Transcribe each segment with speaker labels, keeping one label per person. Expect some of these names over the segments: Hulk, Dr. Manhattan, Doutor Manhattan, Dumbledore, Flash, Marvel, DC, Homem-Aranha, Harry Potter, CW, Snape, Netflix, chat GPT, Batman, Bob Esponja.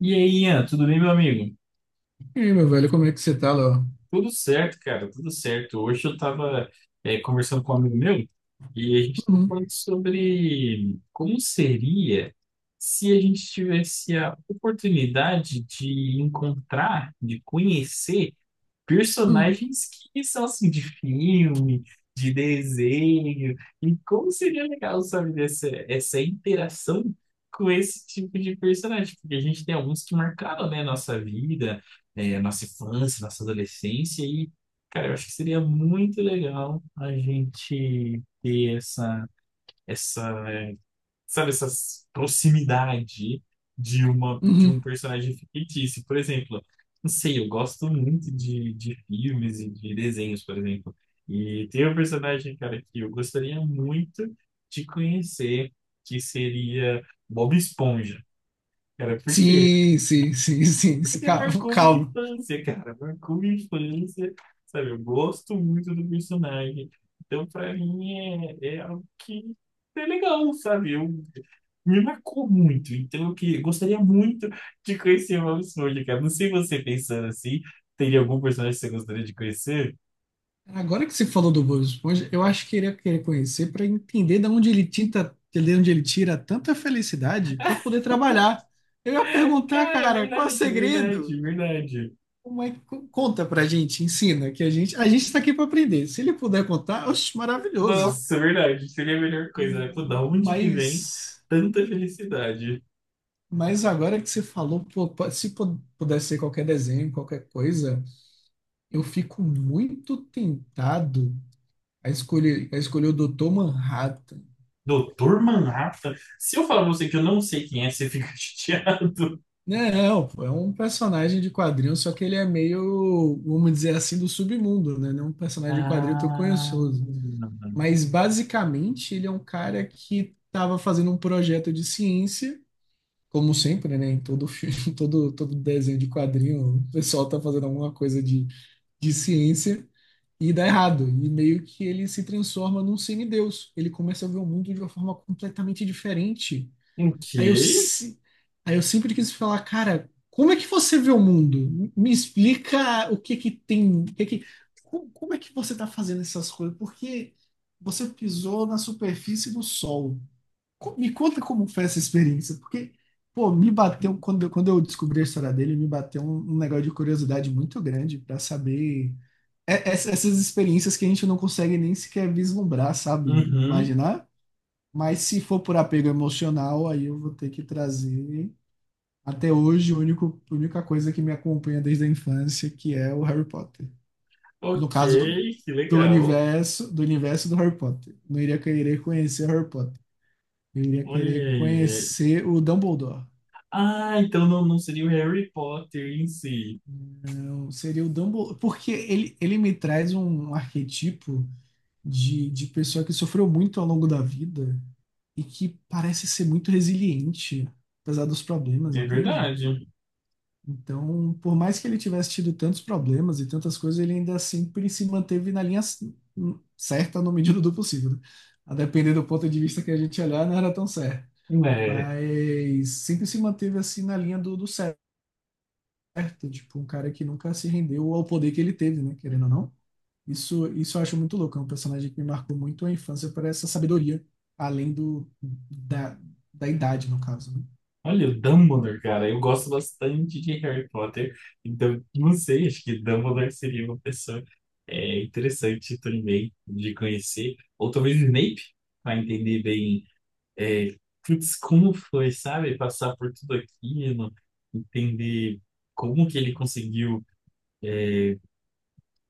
Speaker 1: E aí, Ian, tudo bem, meu amigo?
Speaker 2: E aí, meu velho, como é que você tá, Léo?
Speaker 1: Tudo certo, cara, tudo certo. Hoje eu tava, conversando com um amigo meu e a gente tava
Speaker 2: Uhum,
Speaker 1: falando sobre como seria se a gente tivesse a oportunidade de encontrar, de conhecer
Speaker 2: uhum,
Speaker 1: personagens que são assim de filme, de desenho, e como seria legal, sabe, dessa, essa interação com esse tipo de personagem, porque a gente tem alguns que marcaram, né, nossa vida, nossa infância, nossa adolescência, e, cara, eu acho que seria muito legal a gente ter essa, essa sabe, essa proximidade de uma de um
Speaker 2: uhum.
Speaker 1: personagem fictício. Por exemplo, não sei, eu gosto muito de filmes e de desenhos, por exemplo. E tem um personagem, cara, que eu gostaria muito de conhecer, que seria Bob Esponja. Cara, por quê?
Speaker 2: Sim, sim, sim, sim, sim.
Speaker 1: Você
Speaker 2: Cara,
Speaker 1: marcou minha
Speaker 2: calma.
Speaker 1: infância, cara. Marcou minha infância, sabe? Eu gosto muito do personagem. Então, pra mim, é, é algo que é legal, sabe? Eu, me marcou muito. Então, eu que, gostaria muito de conhecer o Bob Esponja, cara. Não sei você pensando assim, teria algum personagem que você gostaria de conhecer?
Speaker 2: Agora que você falou do Bob Esponja, eu acho que ele ia querer conhecer para entender de onde ele tinta, de onde ele tira tanta felicidade para poder trabalhar. Eu ia perguntar,
Speaker 1: Cara,
Speaker 2: cara, qual é o
Speaker 1: verdade,
Speaker 2: segredo?
Speaker 1: verdade, verdade.
Speaker 2: Como é que conta pra gente, ensina, que a gente tá aqui para aprender. Se ele puder contar, oxe, maravilhoso.
Speaker 1: Nossa, verdade. Seria a melhor coisa, né? Pô, da onde que vem
Speaker 2: Mas
Speaker 1: tanta felicidade?
Speaker 2: Mas agora que você falou, pô, po- se pu- pudesse ser qualquer desenho, qualquer coisa, eu fico muito tentado a escolher o Dr. Manhattan.
Speaker 1: Doutor Manhattan? Se eu falar pra você que eu não sei quem é, você fica chateado.
Speaker 2: Não, pô, é um personagem de quadrinho, só que ele é meio, vamos dizer assim, do submundo, né? Não é um personagem de quadrinho tão
Speaker 1: Ah,
Speaker 2: conhecioso. Mas basicamente ele é um cara que estava fazendo um projeto de ciência, como sempre, né? Em todo filme, todo desenho de quadrinho, o pessoal tá fazendo alguma coisa de ciência. E dá errado. E meio que ele se transforma num semideus. Ele começa a ver o mundo de uma forma completamente diferente.
Speaker 1: ok.
Speaker 2: Aí eu, se- aí eu sempre quis falar, cara, como é que você vê o mundo? Me explica o que que tem, o que que, como é que você está fazendo essas coisas? Porque você pisou na superfície do sol. Me conta como foi essa experiência, porque, pô, me bateu, quando eu descobri a história dele, me bateu um negócio de curiosidade muito grande para saber essas experiências que a gente não consegue nem sequer vislumbrar, sabe?
Speaker 1: Uhum.
Speaker 2: Imaginar. Mas se for por apego emocional, aí eu vou ter que trazer. Até hoje, a única coisa que me acompanha desde a infância, que é o Harry Potter. No
Speaker 1: Ok,
Speaker 2: caso,
Speaker 1: que legal.
Speaker 2: do universo do Harry Potter. Não iria querer conhecer Harry Potter. Eu iria
Speaker 1: Olha
Speaker 2: querer
Speaker 1: aí.
Speaker 2: conhecer o Dumbledore.
Speaker 1: Ah, então não, não seria o Harry Potter em si.
Speaker 2: Não, seria o Dumbledore. Porque ele me traz um arquetipo de pessoa que sofreu muito ao longo da vida e que parece ser muito resiliente, apesar dos problemas,
Speaker 1: É
Speaker 2: entende?
Speaker 1: verdade.
Speaker 2: Então, por mais que ele tivesse tido tantos problemas e tantas coisas, ele ainda sempre se manteve na linha certa na medida do possível. Né? A depender do ponto de vista que a gente olhar, não era tão certo.
Speaker 1: É.
Speaker 2: Mas sempre se manteve assim na linha do, do certo, tipo, um cara que nunca se rendeu ao poder que ele teve, né? Querendo ou não. Isso eu acho muito louco. É um personagem que me marcou muito a infância por essa sabedoria, além do, da, da idade, no caso, né?
Speaker 1: Olha, o Dumbledore, cara. Eu gosto bastante de Harry Potter. Então, não sei, acho que Dumbledore seria uma pessoa é, interessante também de conhecer. Ou talvez Snape, para entender bem. É, putz, como foi, sabe? Passar por tudo aquilo, entender como que ele conseguiu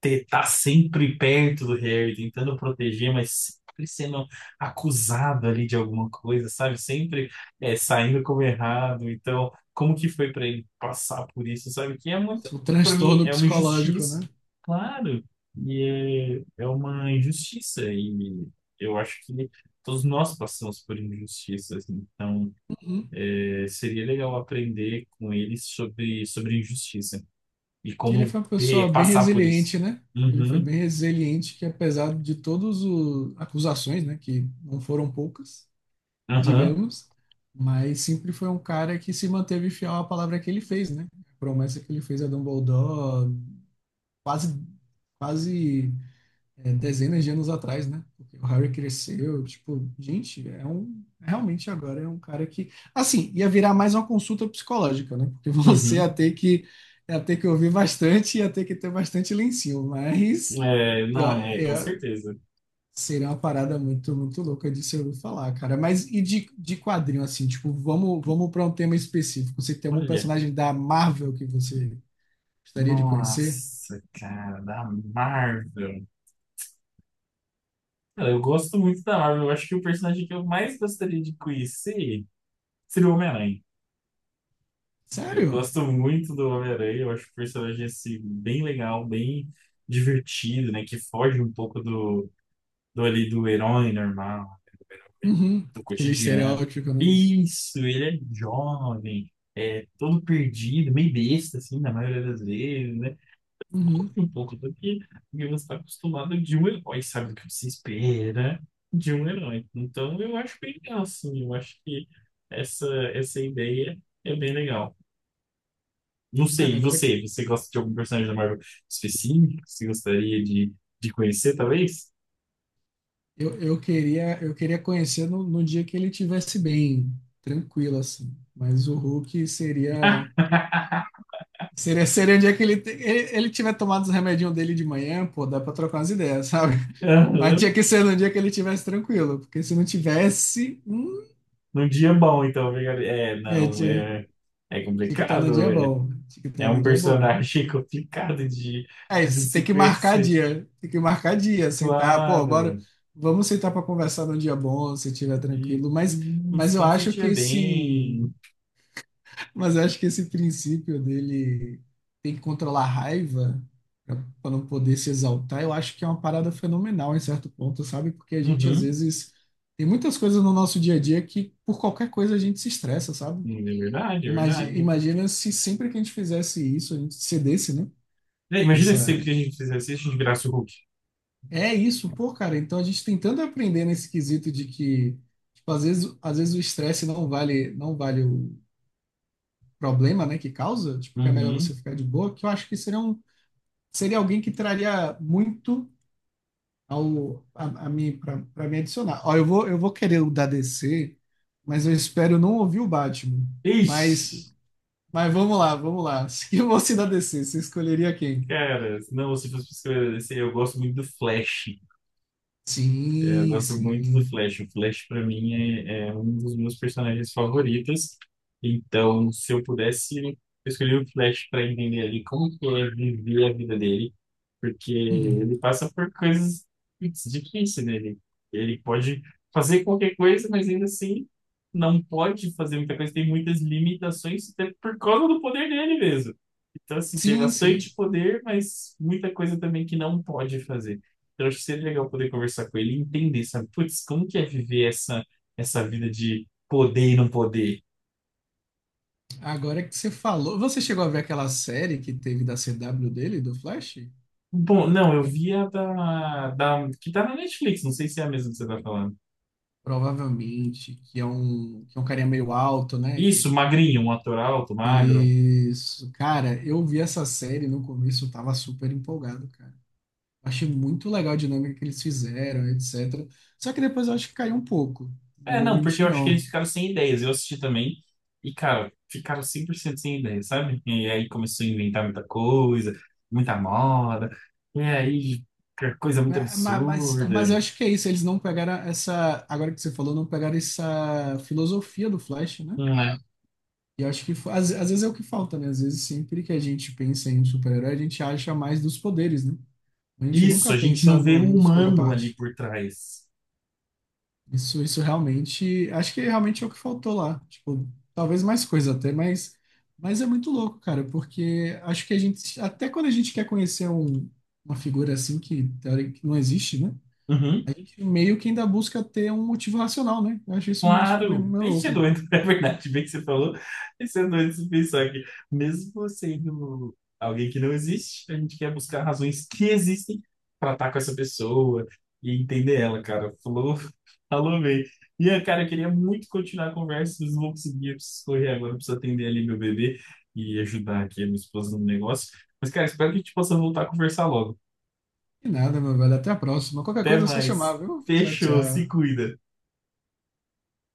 Speaker 1: ter, tá sempre perto do Harry, tentando proteger, mas sempre sendo acusado ali de alguma coisa, sabe? Sempre é, saindo como errado. Então, como que foi para ele passar por isso, sabe? Que é muito,
Speaker 2: O
Speaker 1: para mim,
Speaker 2: transtorno
Speaker 1: é uma
Speaker 2: psicológico,
Speaker 1: injustiça,
Speaker 2: né?
Speaker 1: claro, e é, é uma injustiça, e eu acho que todos nós passamos por injustiças, então.
Speaker 2: Uhum.
Speaker 1: Seria legal aprender com ele sobre, sobre injustiça e
Speaker 2: Ele
Speaker 1: como
Speaker 2: foi uma pessoa bem
Speaker 1: passar por
Speaker 2: resiliente,
Speaker 1: isso.
Speaker 2: né? Ele foi
Speaker 1: Uhum,
Speaker 2: bem resiliente, que apesar de todas as acusações, né, que não foram poucas,
Speaker 1: aham,
Speaker 2: digamos, mas sempre foi um cara que se manteve fiel à palavra que ele fez, né? A promessa que ele fez a Dumbledore, quase, quase dezenas de anos atrás, né? Porque o Harry cresceu, tipo, gente, é um realmente agora é um cara que, assim, ia virar mais uma consulta psicológica, né? Porque você
Speaker 1: uhum.
Speaker 2: ia ter que ouvir bastante, ia ter que ter bastante lencinho, mas
Speaker 1: É,
Speaker 2: eu,
Speaker 1: não, é, com
Speaker 2: eu,
Speaker 1: certeza.
Speaker 2: seria uma parada muito muito louca de se ouvir falar, cara. Mas e de quadrinho assim, tipo, vamos para um tema específico. Você tem algum
Speaker 1: Olha,
Speaker 2: personagem da Marvel que você gostaria de conhecer?
Speaker 1: nossa, cara, da Marvel. Cara, eu gosto muito da Marvel. Eu acho que o personagem que eu mais gostaria de conhecer seria o Homem-Aranha. Eu
Speaker 2: Sério?
Speaker 1: gosto muito do Homem-Aranha. Eu acho o personagem, assim, bem legal, bem divertido, né? Que foge um pouco do, do ali do herói normal.
Speaker 2: Uhum.
Speaker 1: Do
Speaker 2: Aquele
Speaker 1: cotidiano.
Speaker 2: estereótipo, né?
Speaker 1: Isso, ele é jovem, é todo perdido, meio besta, assim, na maioria das vezes, né?
Speaker 2: Uhum.
Speaker 1: Um pouco do que você está acostumado de um herói, sabe? Do que você espera de um herói. Então, eu acho bem legal, assim, eu acho que essa, essa ideia é bem legal. Não sei,
Speaker 2: Cara,
Speaker 1: e
Speaker 2: agora
Speaker 1: você? Você gosta de algum personagem da Marvel específico? Você gostaria de conhecer, talvez?
Speaker 2: eu queria conhecer no, no dia que ele tivesse bem, tranquilo assim. Mas o Hulk seria seria seria o dia que ele tiver tomado os remedinhos dele de manhã, pô, dá pra trocar umas ideias, sabe? Mas tinha que ser no dia que ele tivesse tranquilo, porque se não tivesse,
Speaker 1: Num dia bom, então, fica- é,
Speaker 2: é,
Speaker 1: não, é, é
Speaker 2: tinha que estar no dia
Speaker 1: complicado, é,
Speaker 2: bom, né? Tinha que
Speaker 1: é
Speaker 2: estar no
Speaker 1: um
Speaker 2: dia bom.
Speaker 1: personagem complicado
Speaker 2: É,
Speaker 1: de
Speaker 2: você tem
Speaker 1: se
Speaker 2: que marcar
Speaker 1: conhecer,
Speaker 2: dia, tem que marcar dia, sentar, pô, agora
Speaker 1: claro,
Speaker 2: vamos sentar para conversar num dia bom, se estiver tranquilo,
Speaker 1: e isso,
Speaker 2: mas eu
Speaker 1: quando você
Speaker 2: acho que
Speaker 1: estiver
Speaker 2: esse,
Speaker 1: bem,
Speaker 2: mas eu acho que esse princípio dele tem que controlar a raiva para não poder se exaltar, eu acho que é uma parada fenomenal em certo ponto, sabe? Porque a gente às
Speaker 1: uhum,
Speaker 2: vezes tem muitas coisas no nosso dia a dia que por qualquer coisa a gente se estressa, sabe?
Speaker 1: é verdade, é verdade,
Speaker 2: Imagina se sempre que a gente fizesse isso, a gente cedesse, né?
Speaker 1: é, imagina se sempre que a gente fizesse isso, a gente virasse o Hulk,
Speaker 2: É isso, pô, cara. Então a gente tem tanto a aprender nesse quesito de que, tipo, às vezes o estresse não vale, não vale o problema, né, que causa, tipo, que é melhor você
Speaker 1: uhum,
Speaker 2: ficar de boa, que eu acho que seria alguém que traria muito a mim para me adicionar. Ó, eu vou querer o da DC, mas eu espero não ouvir o Batman. Mas
Speaker 1: ixi,
Speaker 2: mas vamos lá. Se eu fosse da DC, você escolheria quem?
Speaker 1: cara, não, se fosse pra escrever, eu gosto muito do Flash, é, eu
Speaker 2: Sim,
Speaker 1: gosto muito do
Speaker 2: sim.
Speaker 1: Flash. O Flash, para mim, é, é um dos meus personagens favoritos. Então, se eu pudesse escolher o Flash para entender ali como que é viver a vida dele, porque
Speaker 2: Uhum.
Speaker 1: ele passa por coisas putz, difíceis, né? Ele pode fazer qualquer coisa, mas ainda assim não pode fazer muita coisa. Tem muitas limitações, até por causa do poder dele mesmo. Então, assim, tem
Speaker 2: Sim, sim.
Speaker 1: bastante poder, mas muita coisa também que não pode fazer. Eu acho que seria legal poder conversar com ele e entender, sabe? Putz, como que é viver essa, essa vida de poder e não poder?
Speaker 2: Agora que você falou, você chegou a ver aquela série que teve da CW dele, do Flash?
Speaker 1: Bom, não, eu vi a da, da... que tá na Netflix, não sei se é a mesma que você tá falando.
Speaker 2: Provavelmente, que que é um carinha meio alto, né?
Speaker 1: Isso,
Speaker 2: Que,
Speaker 1: magrinho, um ator alto, magro.
Speaker 2: isso, cara, eu vi essa série no começo, eu tava super empolgado, cara. Achei muito legal a dinâmica que eles fizeram, etc. Só que depois eu acho que caiu um pouco, não
Speaker 1: É,
Speaker 2: vou
Speaker 1: não, porque eu
Speaker 2: mentir,
Speaker 1: acho que eles
Speaker 2: não.
Speaker 1: ficaram sem ideias. Eu assisti também e, cara, ficaram 100% sem ideias, sabe? E aí começou a inventar muita coisa, muita moda. E aí, que coisa muito
Speaker 2: Mas, mas eu
Speaker 1: absurda.
Speaker 2: acho que é isso, eles não pegaram essa, agora que você falou, não pegaram essa filosofia do Flash, né?
Speaker 1: Não é?
Speaker 2: E acho que às vezes é o que falta, né? Às vezes sempre que a gente pensa em super-herói, a gente acha mais dos poderes, né? A gente
Speaker 1: Isso,
Speaker 2: nunca
Speaker 1: a gente
Speaker 2: pensa
Speaker 1: não vê
Speaker 2: no,
Speaker 1: um
Speaker 2: no dos
Speaker 1: humano ali
Speaker 2: contraparte.
Speaker 1: por trás.
Speaker 2: Isso realmente, acho que realmente é o que faltou lá. Tipo, talvez mais coisa até, mas é muito louco, cara, porque acho que a gente, até quando a gente quer uma figura assim que, que não existe, né?
Speaker 1: Uhum,
Speaker 2: A gente meio que ainda busca ter um motivo racional, né? Eu acho isso meio,
Speaker 1: claro,
Speaker 2: meio
Speaker 1: bem ser
Speaker 2: louco.
Speaker 1: doido, é verdade, bem que você falou, bem ser doido se pensar que, mesmo sendo alguém que não existe, a gente quer buscar razões que existem para estar com essa pessoa e entender ela, cara. Falou, falou bem. Ian, cara, eu queria muito continuar a conversa, mas não vou conseguir, eu preciso correr agora, eu preciso atender ali meu bebê e ajudar aqui a minha esposa no negócio. Mas, cara, espero que a gente possa voltar a conversar logo.
Speaker 2: E nada, meu velho. Até a próxima. Qualquer
Speaker 1: Até
Speaker 2: coisa é só chamar,
Speaker 1: mais.
Speaker 2: viu? Tchau,
Speaker 1: Fechou, se
Speaker 2: tchau.
Speaker 1: cuida.